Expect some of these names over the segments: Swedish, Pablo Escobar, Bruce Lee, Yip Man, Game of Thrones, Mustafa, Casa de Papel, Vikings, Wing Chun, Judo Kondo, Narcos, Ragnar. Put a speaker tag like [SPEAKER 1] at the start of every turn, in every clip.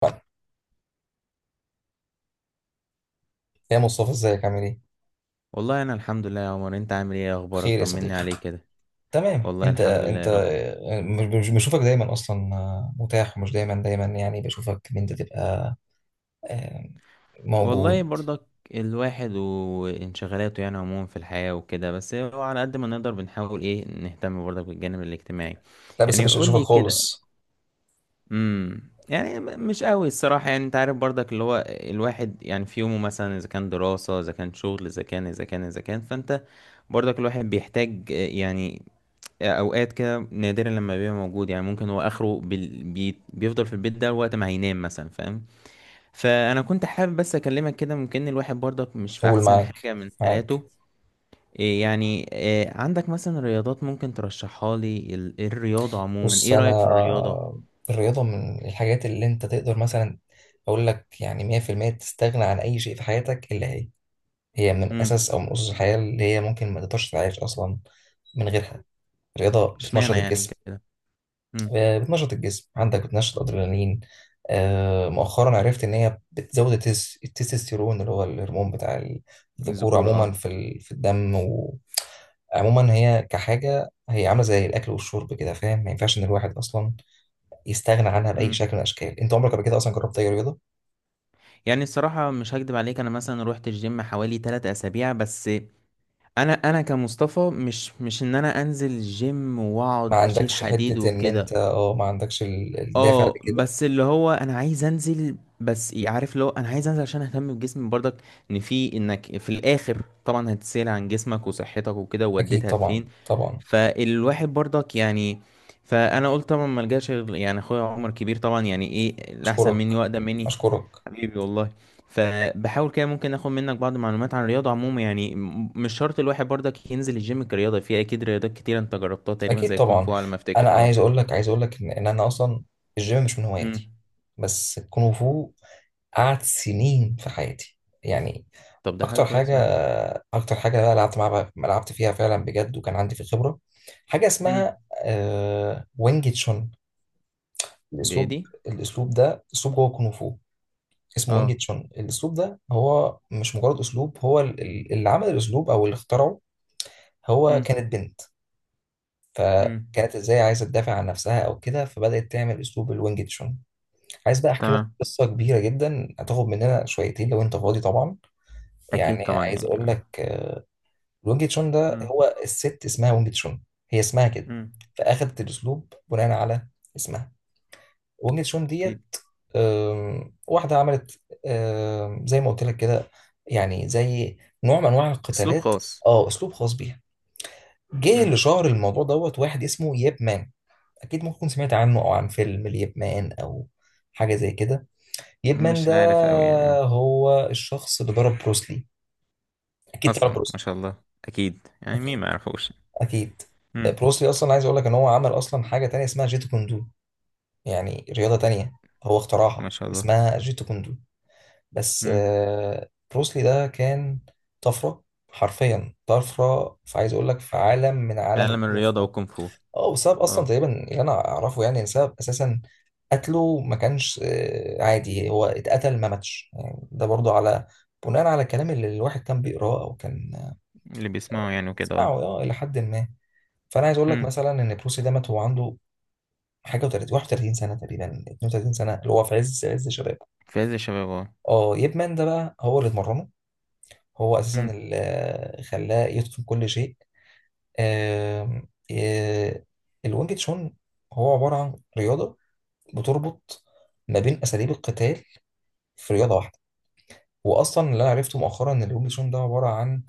[SPEAKER 1] طيب، يا مصطفى ازيك عامل ايه؟
[SPEAKER 2] والله انا الحمد لله يا عمر، انت عامل ايه؟ إيه اخبارك؟
[SPEAKER 1] بخير يا
[SPEAKER 2] طمني
[SPEAKER 1] صديقي.
[SPEAKER 2] عليك كده.
[SPEAKER 1] تمام،
[SPEAKER 2] والله
[SPEAKER 1] انت
[SPEAKER 2] الحمد لله
[SPEAKER 1] انت
[SPEAKER 2] يا رب.
[SPEAKER 1] مش بشوفك دايما اصلا، متاح ومش دايما دايما يعني بشوفك ان انت تبقى آه،
[SPEAKER 2] والله
[SPEAKER 1] موجود.
[SPEAKER 2] برضك الواحد وانشغالاته يعني عموما في الحياة وكده، بس هو على قد ما نقدر بنحاول ايه نهتم برضك بالجانب الاجتماعي.
[SPEAKER 1] لا، بس
[SPEAKER 2] يعني
[SPEAKER 1] مش
[SPEAKER 2] قول
[SPEAKER 1] بشوفك
[SPEAKER 2] لي كده.
[SPEAKER 1] خالص.
[SPEAKER 2] يعني مش قوي الصراحة، يعني انت عارف برضك اللي هو الواحد يعني في يومه، مثلا اذا كان دراسة، اذا كان شغل، اذا كان، فانت برضك الواحد بيحتاج يعني اوقات كده نادرا لما بيبقى موجود، يعني ممكن هو اخره بيفضل في البيت ده وقت ما هينام مثلا، فاهم؟ فانا كنت حابب بس اكلمك كده، ممكن الواحد برضك مش في
[SPEAKER 1] قول.
[SPEAKER 2] احسن
[SPEAKER 1] معاك
[SPEAKER 2] حاجة من
[SPEAKER 1] معاك
[SPEAKER 2] حالاته. إيه يعني، إيه عندك مثلا رياضات ممكن ترشحها لي؟ الرياضة عموما،
[SPEAKER 1] بص،
[SPEAKER 2] ايه
[SPEAKER 1] انا
[SPEAKER 2] رأيك في الرياضة؟
[SPEAKER 1] الرياضة من الحاجات اللي انت تقدر مثلا اقول لك يعني 100% تستغنى عن اي شيء في حياتك الا هي. هي من
[SPEAKER 2] امم
[SPEAKER 1] اساس او من اسس الحياة اللي هي ممكن ما تقدرش تعيش اصلا من غيرها. الرياضة بتنشط
[SPEAKER 2] اشمعنى يعني
[SPEAKER 1] الجسم،
[SPEAKER 2] كده؟ امم
[SPEAKER 1] بتنشط الجسم عندك، بتنشط ادرينالين. مؤخرا عرفت ان هي بتزود التستوستيرون اللي هو الهرمون بتاع الذكور
[SPEAKER 2] الذكور
[SPEAKER 1] عموما
[SPEAKER 2] اه.
[SPEAKER 1] في الدم. وعموما هي كحاجه هي عامله زي الاكل والشرب كده، فاهم؟ ما ينفعش ان الواحد اصلا يستغنى عنها باي
[SPEAKER 2] امم
[SPEAKER 1] شكل من الاشكال. انت عمرك قبل كده اصلا جربت اي رياضه؟
[SPEAKER 2] يعني الصراحة مش هكدب عليك، انا مثلا روحت الجيم حوالي 3 اسابيع بس. انا كمصطفى مش ان انا انزل جيم
[SPEAKER 1] ما
[SPEAKER 2] واقعد اشيل
[SPEAKER 1] عندكش
[SPEAKER 2] حديد
[SPEAKER 1] حته ان انت
[SPEAKER 2] وكده.
[SPEAKER 1] اه ما عندكش الدافع
[SPEAKER 2] اه
[SPEAKER 1] لكده؟
[SPEAKER 2] بس اللي هو انا عايز انزل، بس عارف اللي هو انا عايز انزل عشان اهتم بجسمي برضك، ان في انك في الاخر طبعا هتسأل عن جسمك وصحتك وكده
[SPEAKER 1] اكيد
[SPEAKER 2] ووديتها
[SPEAKER 1] طبعا،
[SPEAKER 2] فين.
[SPEAKER 1] طبعا.
[SPEAKER 2] فالواحد برضك يعني، فانا قلت طبعا ما الجاش يعني اخويا عمر كبير طبعا يعني، ايه الاحسن
[SPEAKER 1] اشكرك،
[SPEAKER 2] مني واقدم مني.
[SPEAKER 1] اشكرك.
[SPEAKER 2] حبيبي والله. فبحاول كده ممكن اخد منك بعض المعلومات عن الرياضه عموما، يعني مش شرط الواحد برضك ينزل الجيم كرياضه، في اكيد رياضات كتير انت جربتها تقريبا
[SPEAKER 1] اكيد
[SPEAKER 2] زي الكونغ
[SPEAKER 1] طبعا.
[SPEAKER 2] فو على ما افتكر،
[SPEAKER 1] انا
[SPEAKER 2] اه.
[SPEAKER 1] عايز اقول لك، عايز اقول لك إن انا اصلا الجيم مش من
[SPEAKER 2] امم
[SPEAKER 1] هواياتي، بس الكونغ فو قعد سنين في حياتي. يعني
[SPEAKER 2] طب ده حاجة
[SPEAKER 1] اكتر حاجه،
[SPEAKER 2] كويسة اه.
[SPEAKER 1] اكتر حاجه بقى لعبت معاها، لعبت فيها فعلا بجد وكان عندي في خبره. حاجه
[SPEAKER 2] امم
[SPEAKER 1] اسمها وينج تشون.
[SPEAKER 2] دي ايه
[SPEAKER 1] الاسلوب،
[SPEAKER 2] دي؟
[SPEAKER 1] الاسلوب ده اسلوب جوه الكونغ فو، اسمه وينج
[SPEAKER 2] اه.
[SPEAKER 1] تشون. الاسلوب ده هو مش مجرد اسلوب، هو اللي عمل الاسلوب او اللي اخترعه هو
[SPEAKER 2] امم
[SPEAKER 1] كانت بنت.
[SPEAKER 2] امم
[SPEAKER 1] فكانت ازاي عايزه تدافع عن نفسها او كده، فبدات تعمل اسلوب الوينج تشون. عايز بقى احكي لك
[SPEAKER 2] تمام.
[SPEAKER 1] قصه كبيره جدا، هتاخد مننا شويتين لو انت فاضي طبعا.
[SPEAKER 2] اكيد
[SPEAKER 1] يعني
[SPEAKER 2] طبعا
[SPEAKER 1] عايز
[SPEAKER 2] يعني
[SPEAKER 1] اقول
[SPEAKER 2] ما.
[SPEAKER 1] لك، الوينج تشون ده
[SPEAKER 2] امم
[SPEAKER 1] هو الست اسمها وينج تشون. هي اسمها كده،
[SPEAKER 2] امم
[SPEAKER 1] فاخدت الاسلوب بناء على اسمها وينج تشون ديت.
[SPEAKER 2] اكيد.
[SPEAKER 1] واحده عملت زي ما قلت لك كده، يعني زي نوع من انواع
[SPEAKER 2] اسلوب
[SPEAKER 1] القتالات.
[SPEAKER 2] خاص.
[SPEAKER 1] اه، اسلوب خاص بيها. جه
[SPEAKER 2] امم
[SPEAKER 1] اللي شهر الموضوع دوت واحد اسمه ييب مان. اكيد ممكن تكون سمعت عنه او عن فيلم اليب مان او حاجه زي كده. اليب مان
[SPEAKER 2] مش
[SPEAKER 1] ده
[SPEAKER 2] عارف قوي يعني اه.
[SPEAKER 1] هو الشخص اللي ضرب بروسلي. اكيد تعرف
[SPEAKER 2] اصلا ما
[SPEAKER 1] بروسلي.
[SPEAKER 2] شاء الله، اكيد يعني مين
[SPEAKER 1] اكيد،
[SPEAKER 2] ما يعرفوش.
[SPEAKER 1] اكيد.
[SPEAKER 2] امم
[SPEAKER 1] بروسلي اصلا عايز اقول لك ان هو عمل اصلا حاجه تانية اسمها جيتو كوندو. يعني رياضه تانية هو اخترعها
[SPEAKER 2] ما شاء الله.
[SPEAKER 1] اسمها جيتو كوندو. بس
[SPEAKER 2] امم
[SPEAKER 1] بروسلي ده كان طفره، حرفيا طفره. فعايز اقول لك في عالم من عالم
[SPEAKER 2] تعلم
[SPEAKER 1] الكونغ
[SPEAKER 2] الرياضة
[SPEAKER 1] فو،
[SPEAKER 2] وكونغ فو.
[SPEAKER 1] اه، بسبب اصلا
[SPEAKER 2] اه.
[SPEAKER 1] تقريبا اللي انا اعرفه، يعني سبب اساسا قتله ما كانش عادي. هو اتقتل ما ماتش، يعني ده برضو على بناء على الكلام اللي الواحد كان بيقراه او كان
[SPEAKER 2] اللي بيسمعوا يعني وكده،
[SPEAKER 1] بيسمعه،
[SPEAKER 2] اه.
[SPEAKER 1] اه، الى حد ما. فانا عايز اقول لك
[SPEAKER 2] امم
[SPEAKER 1] مثلا ان بروسي ده مات وهو عنده حاجه و30 31 سنه تقريبا، 32 سنه، اللي هو في عز عز شبابه.
[SPEAKER 2] في عز الشباب اه.
[SPEAKER 1] اه، ييب مان ده بقى هو اللي اتمرنه، هو اساسا
[SPEAKER 2] امم
[SPEAKER 1] اللي خلاه يتقن كل شيء. آم، آه، الوينج تشون هو عباره عن رياضه بتربط ما بين اساليب القتال في رياضه واحده. واصلا اللي انا عرفته مؤخرا ان الوينج چون ده عباره عن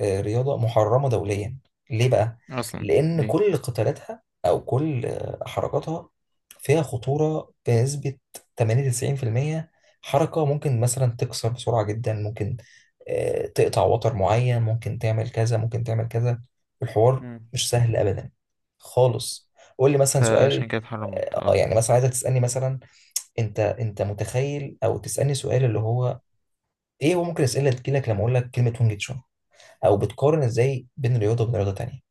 [SPEAKER 1] رياضه محرمه دوليا. ليه بقى؟
[SPEAKER 2] اصلا.
[SPEAKER 1] لان
[SPEAKER 2] ليه؟
[SPEAKER 1] كل قتالاتها او كل حركاتها فيها خطوره بنسبه 80 90%. حركه ممكن مثلا تكسر بسرعه جدا، ممكن تقطع وتر معين، ممكن تعمل كذا، ممكن تعمل كذا، الحوار
[SPEAKER 2] امم
[SPEAKER 1] مش سهل ابدا خالص. قول لي مثلا سؤال.
[SPEAKER 2] فعشان كده اتحرمت
[SPEAKER 1] اه
[SPEAKER 2] اه.
[SPEAKER 1] يعني مثلا عايزك تسألني مثلا، انت متخيل او تسالني سؤال اللي هو ايه؟ هو ممكن اسئله تجيلك لما اقول لك كلمه وينج تشون، او بتقارن ازاي بين رياضه وبين رياضه تانيه؟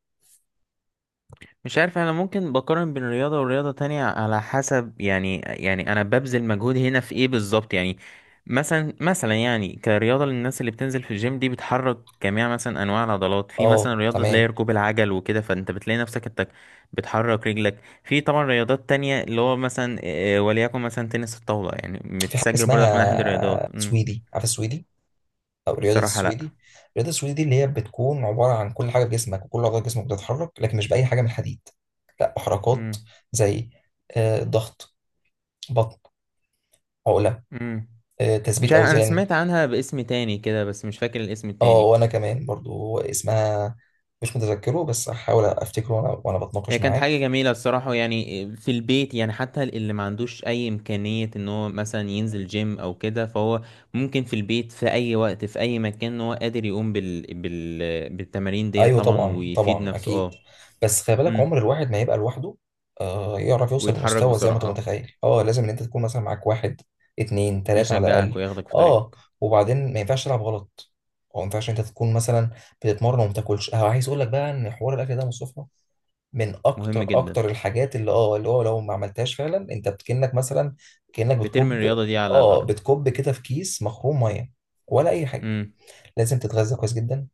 [SPEAKER 2] مش عارف، انا ممكن بقارن بين رياضة ورياضة تانية على حسب يعني، يعني انا ببذل مجهود هنا في ايه بالظبط يعني. مثلا يعني كرياضة للناس اللي بتنزل في الجيم دي، بتحرك جميع مثلا انواع العضلات. في مثلا
[SPEAKER 1] اه،
[SPEAKER 2] رياضة تلاقي
[SPEAKER 1] تمام.
[SPEAKER 2] ركوب العجل وكده، فانت بتلاقي نفسك انت بتحرك رجلك. في طبعا رياضات تانية اللي هو مثلا وليكن مثلا تنس الطاولة، يعني
[SPEAKER 1] في حاجه
[SPEAKER 2] متسجل برضك من احد الرياضات.
[SPEAKER 1] اسمها سويدي، عارف السويدي او رياضه
[SPEAKER 2] الصراحة لا.
[SPEAKER 1] السويدي؟ الرياضه السويدي دي اللي هي بتكون عباره عن كل حاجه في جسمك وكل عضله في جسمك بتتحرك، لكن مش باي حاجه من الحديد، لا، حركات
[SPEAKER 2] امم
[SPEAKER 1] زي ضغط، بطن، عقله،
[SPEAKER 2] امم مش
[SPEAKER 1] تثبيت
[SPEAKER 2] عارف، انا
[SPEAKER 1] اوزان.
[SPEAKER 2] سمعت عنها باسم تاني كده بس مش فاكر الاسم
[SPEAKER 1] اه،
[SPEAKER 2] التاني.
[SPEAKER 1] وانا كمان برضو اسمها مش متذكره، بس هحاول افتكره وانا
[SPEAKER 2] هي
[SPEAKER 1] بتناقش
[SPEAKER 2] كانت
[SPEAKER 1] معاك.
[SPEAKER 2] حاجة جميلة الصراحة، يعني في البيت، يعني حتى اللي ما عندوش أي إمكانية إن هو مثلا ينزل جيم أو كده، فهو ممكن في البيت في أي وقت في أي مكان إن هو قادر يقوم بالتمارين ديت
[SPEAKER 1] ايوه،
[SPEAKER 2] طبعا،
[SPEAKER 1] طبعا
[SPEAKER 2] ويفيد
[SPEAKER 1] طبعا
[SPEAKER 2] نفسه
[SPEAKER 1] اكيد.
[SPEAKER 2] أه.
[SPEAKER 1] بس خلي بالك
[SPEAKER 2] أمم.
[SPEAKER 1] عمر الواحد ما يبقى لوحده يعرف يوصل
[SPEAKER 2] ويتحرك
[SPEAKER 1] لمستوى زي ما انت
[SPEAKER 2] بسرعة أه.
[SPEAKER 1] متخيل. اه، لازم ان انت تكون مثلا معاك واحد، اتنين، تلاتة على
[SPEAKER 2] يشجعك
[SPEAKER 1] الاقل.
[SPEAKER 2] وياخدك في
[SPEAKER 1] اه،
[SPEAKER 2] طريقك.
[SPEAKER 1] وبعدين ما ينفعش تلعب غلط، او ما ينفعش انت تكون مثلا بتتمرن وما بتاكلش. عايز اقول لك بقى ان حوار الاكل ده مصطفى من
[SPEAKER 2] مهم
[SPEAKER 1] اكتر
[SPEAKER 2] جدا.
[SPEAKER 1] اكتر الحاجات اللي اه اللي هو لو ما عملتهاش فعلا انت كأنك مثلا، كأنك
[SPEAKER 2] بترمي
[SPEAKER 1] بتكب،
[SPEAKER 2] الرياضة دي على
[SPEAKER 1] اه،
[SPEAKER 2] الأرض.
[SPEAKER 1] بتكب كده في كيس مخروم ميه، ولا اي حاجه.
[SPEAKER 2] أمم.
[SPEAKER 1] لازم تتغذى كويس جدا،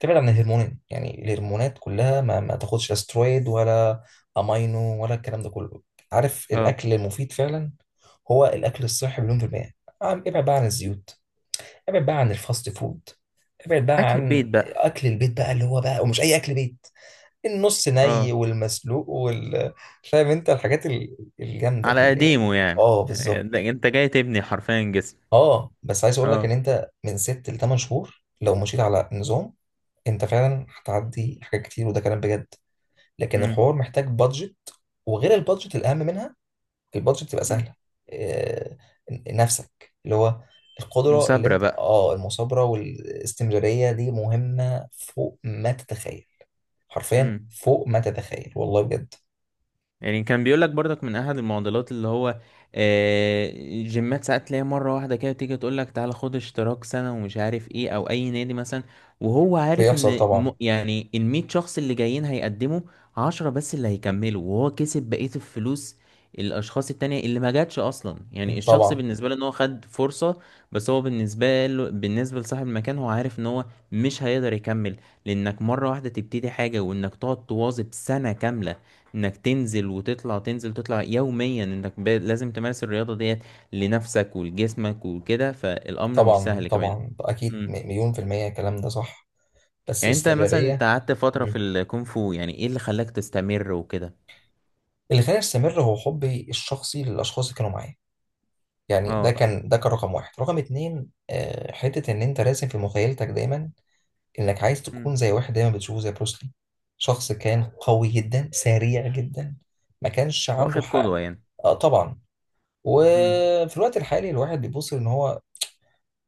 [SPEAKER 1] تبعد عن الهرمونات. يعني الهرمونات كلها ما تاخدش، لا سترويد ولا امينو ولا الكلام ده كله. عارف
[SPEAKER 2] أه.
[SPEAKER 1] الاكل المفيد فعلا هو الاكل الصحي مليون في المية. ابعد بقى عن الزيوت، ابعد بقى عن الفاست فود، ابعد بقى
[SPEAKER 2] أكل البيت
[SPEAKER 1] عن
[SPEAKER 2] بقى.
[SPEAKER 1] اكل البيت بقى اللي هو بقى، ومش اي اكل بيت، النص ني
[SPEAKER 2] أه،
[SPEAKER 1] والمسلوق وال، فاهم انت الحاجات الجامده دي
[SPEAKER 2] على
[SPEAKER 1] اللي هي.
[SPEAKER 2] قديمه يعني.
[SPEAKER 1] اه بالظبط.
[SPEAKER 2] أنت جاي تبني حرفيا جسم.
[SPEAKER 1] اه، بس عايز اقول لك ان
[SPEAKER 2] أه.
[SPEAKER 1] انت من ست لتمن شهور لو مشيت على نظام، انت فعلا هتعدي حاجات كتير، وده كلام بجد. لكن الحوار
[SPEAKER 2] أمم.
[SPEAKER 1] محتاج بادجت. وغير البادجت الاهم منها، البادجت تبقى
[SPEAKER 2] أمم.
[SPEAKER 1] سهله، آه، نفسك اللي هو القدره اللي
[SPEAKER 2] مثابرة
[SPEAKER 1] انت
[SPEAKER 2] بقى.
[SPEAKER 1] اه، المثابره والاستمراريه دي مهمه فوق ما تتخيل، حرفيا
[SPEAKER 2] امم
[SPEAKER 1] فوق ما تتخيل، والله بجد.
[SPEAKER 2] يعني كان بيقول لك برضك من احد المعضلات اللي هو آه، جيمات، ساعات تلاقي مره واحده كده تيجي تقول لك تعالى خد اشتراك سنه ومش عارف ايه، او اي نادي مثلا، وهو عارف
[SPEAKER 1] بيحصل
[SPEAKER 2] ان
[SPEAKER 1] طبعا.
[SPEAKER 2] يعني ال 100 شخص اللي جايين هيقدموا 10 بس اللي هيكملوا، وهو كسب بقيه الفلوس. الاشخاص التانية اللي ما جاتش اصلا، يعني الشخص
[SPEAKER 1] طبعا
[SPEAKER 2] بالنسبه له ان هو خد فرصه، بس هو بالنسبه له، بالنسبه لصاحب المكان، هو عارف ان هو مش هيقدر يكمل. لانك مره واحده تبتدي حاجه وانك تقعد تواظب سنه كامله، انك تنزل وتطلع، تنزل تطلع يوميا، انك لازم تمارس الرياضة ديت لنفسك ولجسمك وكده، فالامر مش
[SPEAKER 1] طبعا
[SPEAKER 2] سهل كمان.
[SPEAKER 1] طبعا اكيد،
[SPEAKER 2] امم
[SPEAKER 1] مليون في المية الكلام ده صح. بس
[SPEAKER 2] يعني انت مثلا، انت
[SPEAKER 1] الاستمرارية.
[SPEAKER 2] قعدت فترة في
[SPEAKER 1] مم.
[SPEAKER 2] الكونغ فو، يعني ايه اللي خلاك تستمر وكده؟
[SPEAKER 1] اللي خلاني استمر هو حبي الشخصي للاشخاص اللي كانوا معايا. يعني ده
[SPEAKER 2] اه.
[SPEAKER 1] كان ده كان رقم واحد. رقم اتنين حته ان انت راسم في مخيلتك دايما انك عايز تكون
[SPEAKER 2] امم
[SPEAKER 1] زي واحد دايما بتشوفه زي بروسلي، شخص كان قوي جدا، سريع جدا، ما كانش عنده
[SPEAKER 2] واخد
[SPEAKER 1] حق.
[SPEAKER 2] قدوة يعني.
[SPEAKER 1] اه طبعا.
[SPEAKER 2] امم
[SPEAKER 1] وفي الوقت الحالي الواحد بيبص ان هو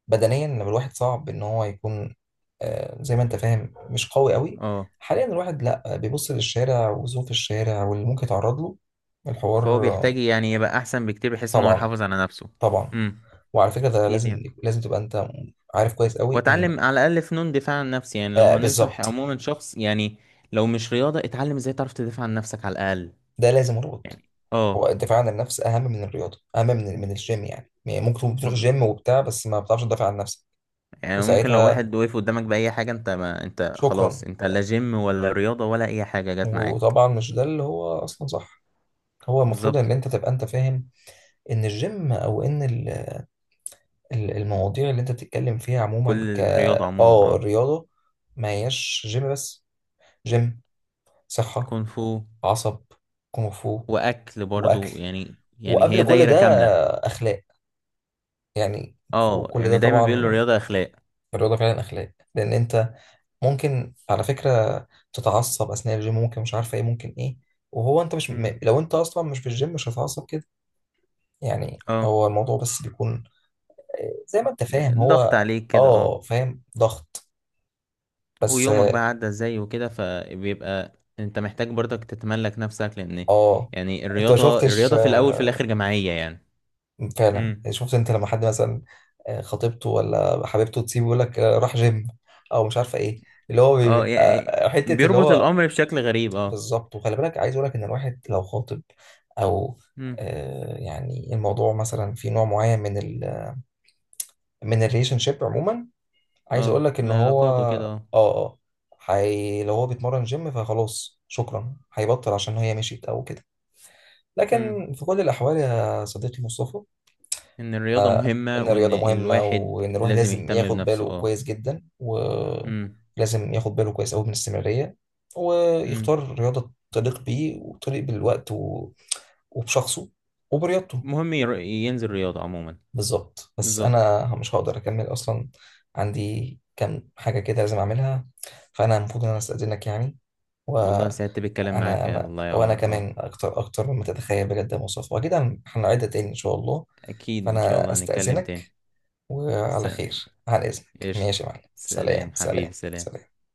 [SPEAKER 1] بدنيا، لما الواحد صعب ان هو يكون زي ما انت فاهم، مش قوي قوي،
[SPEAKER 2] اه،
[SPEAKER 1] حاليا الواحد لا بيبص للشارع وظروف الشارع واللي ممكن يتعرض له،
[SPEAKER 2] فهو
[SPEAKER 1] الحوار.
[SPEAKER 2] بيحتاج يعني يبقى احسن بكتير بحيث ان هو
[SPEAKER 1] طبعا،
[SPEAKER 2] يحافظ على نفسه.
[SPEAKER 1] طبعا.
[SPEAKER 2] امم
[SPEAKER 1] وعلى فكره ده
[SPEAKER 2] اكيد
[SPEAKER 1] لازم،
[SPEAKER 2] يعني،
[SPEAKER 1] لازم تبقى انت عارف كويس قوي ان،
[SPEAKER 2] واتعلم على الاقل فنون دفاع عن نفسي. يعني لو
[SPEAKER 1] آه
[SPEAKER 2] هننصح
[SPEAKER 1] بالظبط،
[SPEAKER 2] عموما شخص، يعني لو مش رياضة، اتعلم ازاي تعرف تدافع عن نفسك على الاقل.
[SPEAKER 1] ده لازم ربط.
[SPEAKER 2] يعني
[SPEAKER 1] هو
[SPEAKER 2] اه.
[SPEAKER 1] الدفاع عن النفس اهم من الرياضه، اهم من الجيم. يعني يعني ممكن تكون بتروح
[SPEAKER 2] بز-
[SPEAKER 1] جيم وبتاع، بس ما بتعرفش تدافع عن نفسك.
[SPEAKER 2] يعني ممكن لو
[SPEAKER 1] وساعتها
[SPEAKER 2] واحد وقف قدامك بأي حاجة، انت ما انت خلاص،
[SPEAKER 1] شكرا.
[SPEAKER 2] انت لا جيم ولا رياضة ولا أي حاجة جت معاك.
[SPEAKER 1] وطبعا مش ده اللي هو اصلا صح، هو المفروض
[SPEAKER 2] بالظبط.
[SPEAKER 1] ان انت تبقى انت فاهم ان الجيم او ان المواضيع اللي انت بتتكلم فيها عموما
[SPEAKER 2] كل
[SPEAKER 1] ك،
[SPEAKER 2] الرياضة عموما
[SPEAKER 1] اه
[SPEAKER 2] اه.
[SPEAKER 1] الرياضه، ما هياش جيم بس. جيم، صحه،
[SPEAKER 2] كونغ فو.
[SPEAKER 1] عصب، كونغ فو،
[SPEAKER 2] وأكل
[SPEAKER 1] واكل،
[SPEAKER 2] برضو يعني، يعني هي
[SPEAKER 1] وقبل كل
[SPEAKER 2] دايرة
[SPEAKER 1] ده
[SPEAKER 2] كاملة.
[SPEAKER 1] اخلاق، يعني فوق
[SPEAKER 2] اه
[SPEAKER 1] كل ده
[SPEAKER 2] يعني دايما بيقولوا
[SPEAKER 1] طبعا.
[SPEAKER 2] الرياضة أخلاق.
[SPEAKER 1] الرياضه فعلا اخلاق، لان انت ممكن على فكره تتعصب اثناء الجيم، ممكن مش عارفه ايه، ممكن ايه، وهو انت مش
[SPEAKER 2] امم
[SPEAKER 1] لو انت اصلا مش في الجيم مش هتتعصب كده. يعني
[SPEAKER 2] اه،
[SPEAKER 1] هو الموضوع بس بيكون زي ما انت فاهم
[SPEAKER 2] يعني ضغط
[SPEAKER 1] هو،
[SPEAKER 2] عليك كده اه.
[SPEAKER 1] اه فاهم، ضغط، بس
[SPEAKER 2] ويومك بقى
[SPEAKER 1] اه
[SPEAKER 2] عدى ازاي وكده، فبيبقى انت محتاج برضك تتملك نفسك لأن،
[SPEAKER 1] آه،
[SPEAKER 2] يعني
[SPEAKER 1] انت ما
[SPEAKER 2] الرياضة،
[SPEAKER 1] شفتش
[SPEAKER 2] الرياضة في الأول في الآخر جماعية يعني.
[SPEAKER 1] فعلا.
[SPEAKER 2] مم.
[SPEAKER 1] يعني شفت انت لما حد مثلا خطيبته ولا حبيبته تسيبه، يقول لك راح جيم او مش عارفه ايه، اللي هو
[SPEAKER 2] اه،
[SPEAKER 1] بيبقى
[SPEAKER 2] يعني
[SPEAKER 1] حته اللي
[SPEAKER 2] بيربط
[SPEAKER 1] هو،
[SPEAKER 2] الامر بشكل غريب اه.
[SPEAKER 1] بالظبط. وخلي بالك عايز اقول لك ان الواحد لو خاطب او
[SPEAKER 2] امم
[SPEAKER 1] يعني الموضوع مثلا في نوع معين من ال، من الريليشن شيب عموما، عايز اقول
[SPEAKER 2] اه،
[SPEAKER 1] لك ان
[SPEAKER 2] من
[SPEAKER 1] هو
[SPEAKER 2] العلاقات وكده
[SPEAKER 1] اه
[SPEAKER 2] اه.
[SPEAKER 1] اه لو هو بيتمرن جيم فخلاص شكرا هيبطل عشان هي مشيت او كده.
[SPEAKER 2] امم
[SPEAKER 1] لكن في كل الاحوال يا صديقي مصطفى،
[SPEAKER 2] ان الرياضة
[SPEAKER 1] أنا،
[SPEAKER 2] مهمة
[SPEAKER 1] إن
[SPEAKER 2] وان
[SPEAKER 1] الرياضة مهمة،
[SPEAKER 2] الواحد
[SPEAKER 1] وإن الواحد
[SPEAKER 2] لازم
[SPEAKER 1] لازم
[SPEAKER 2] يهتم
[SPEAKER 1] ياخد
[SPEAKER 2] بنفسه
[SPEAKER 1] باله
[SPEAKER 2] اه.
[SPEAKER 1] كويس جدا،
[SPEAKER 2] امم
[SPEAKER 1] ولازم ياخد باله كويس أوي من الاستمرارية،
[SPEAKER 2] امم
[SPEAKER 1] ويختار رياضة تليق بيه وتليق بالوقت و، وبشخصه وبرياضته.
[SPEAKER 2] مهم ينزل رياضة عموما.
[SPEAKER 1] بالظبط. بس
[SPEAKER 2] بالظبط.
[SPEAKER 1] أنا مش هقدر أكمل أصلا، عندي كام حاجة كده لازم أعملها، فأنا المفروض إن أنا أستأذنك يعني،
[SPEAKER 2] والله
[SPEAKER 1] وأنا
[SPEAKER 2] سعدت بالكلام معاك، يا
[SPEAKER 1] أنا
[SPEAKER 2] والله يا
[SPEAKER 1] وأنا
[SPEAKER 2] عمر اه.
[SPEAKER 1] كمان أكتر أكتر مما تتخيل بجد يا مصطفى، وأكيد هنعيدها تاني إن شاء الله.
[SPEAKER 2] اكيد ان شاء
[SPEAKER 1] فأنا
[SPEAKER 2] الله هنتكلم تاني.
[SPEAKER 1] أستأذنك،
[SPEAKER 2] س-
[SPEAKER 1] وعلى خير، على إذنك، ماشي
[SPEAKER 2] قشطة.
[SPEAKER 1] يا معلم،
[SPEAKER 2] سلام
[SPEAKER 1] سلام، سلام،
[SPEAKER 2] حبيبي، سلام.
[SPEAKER 1] سلام.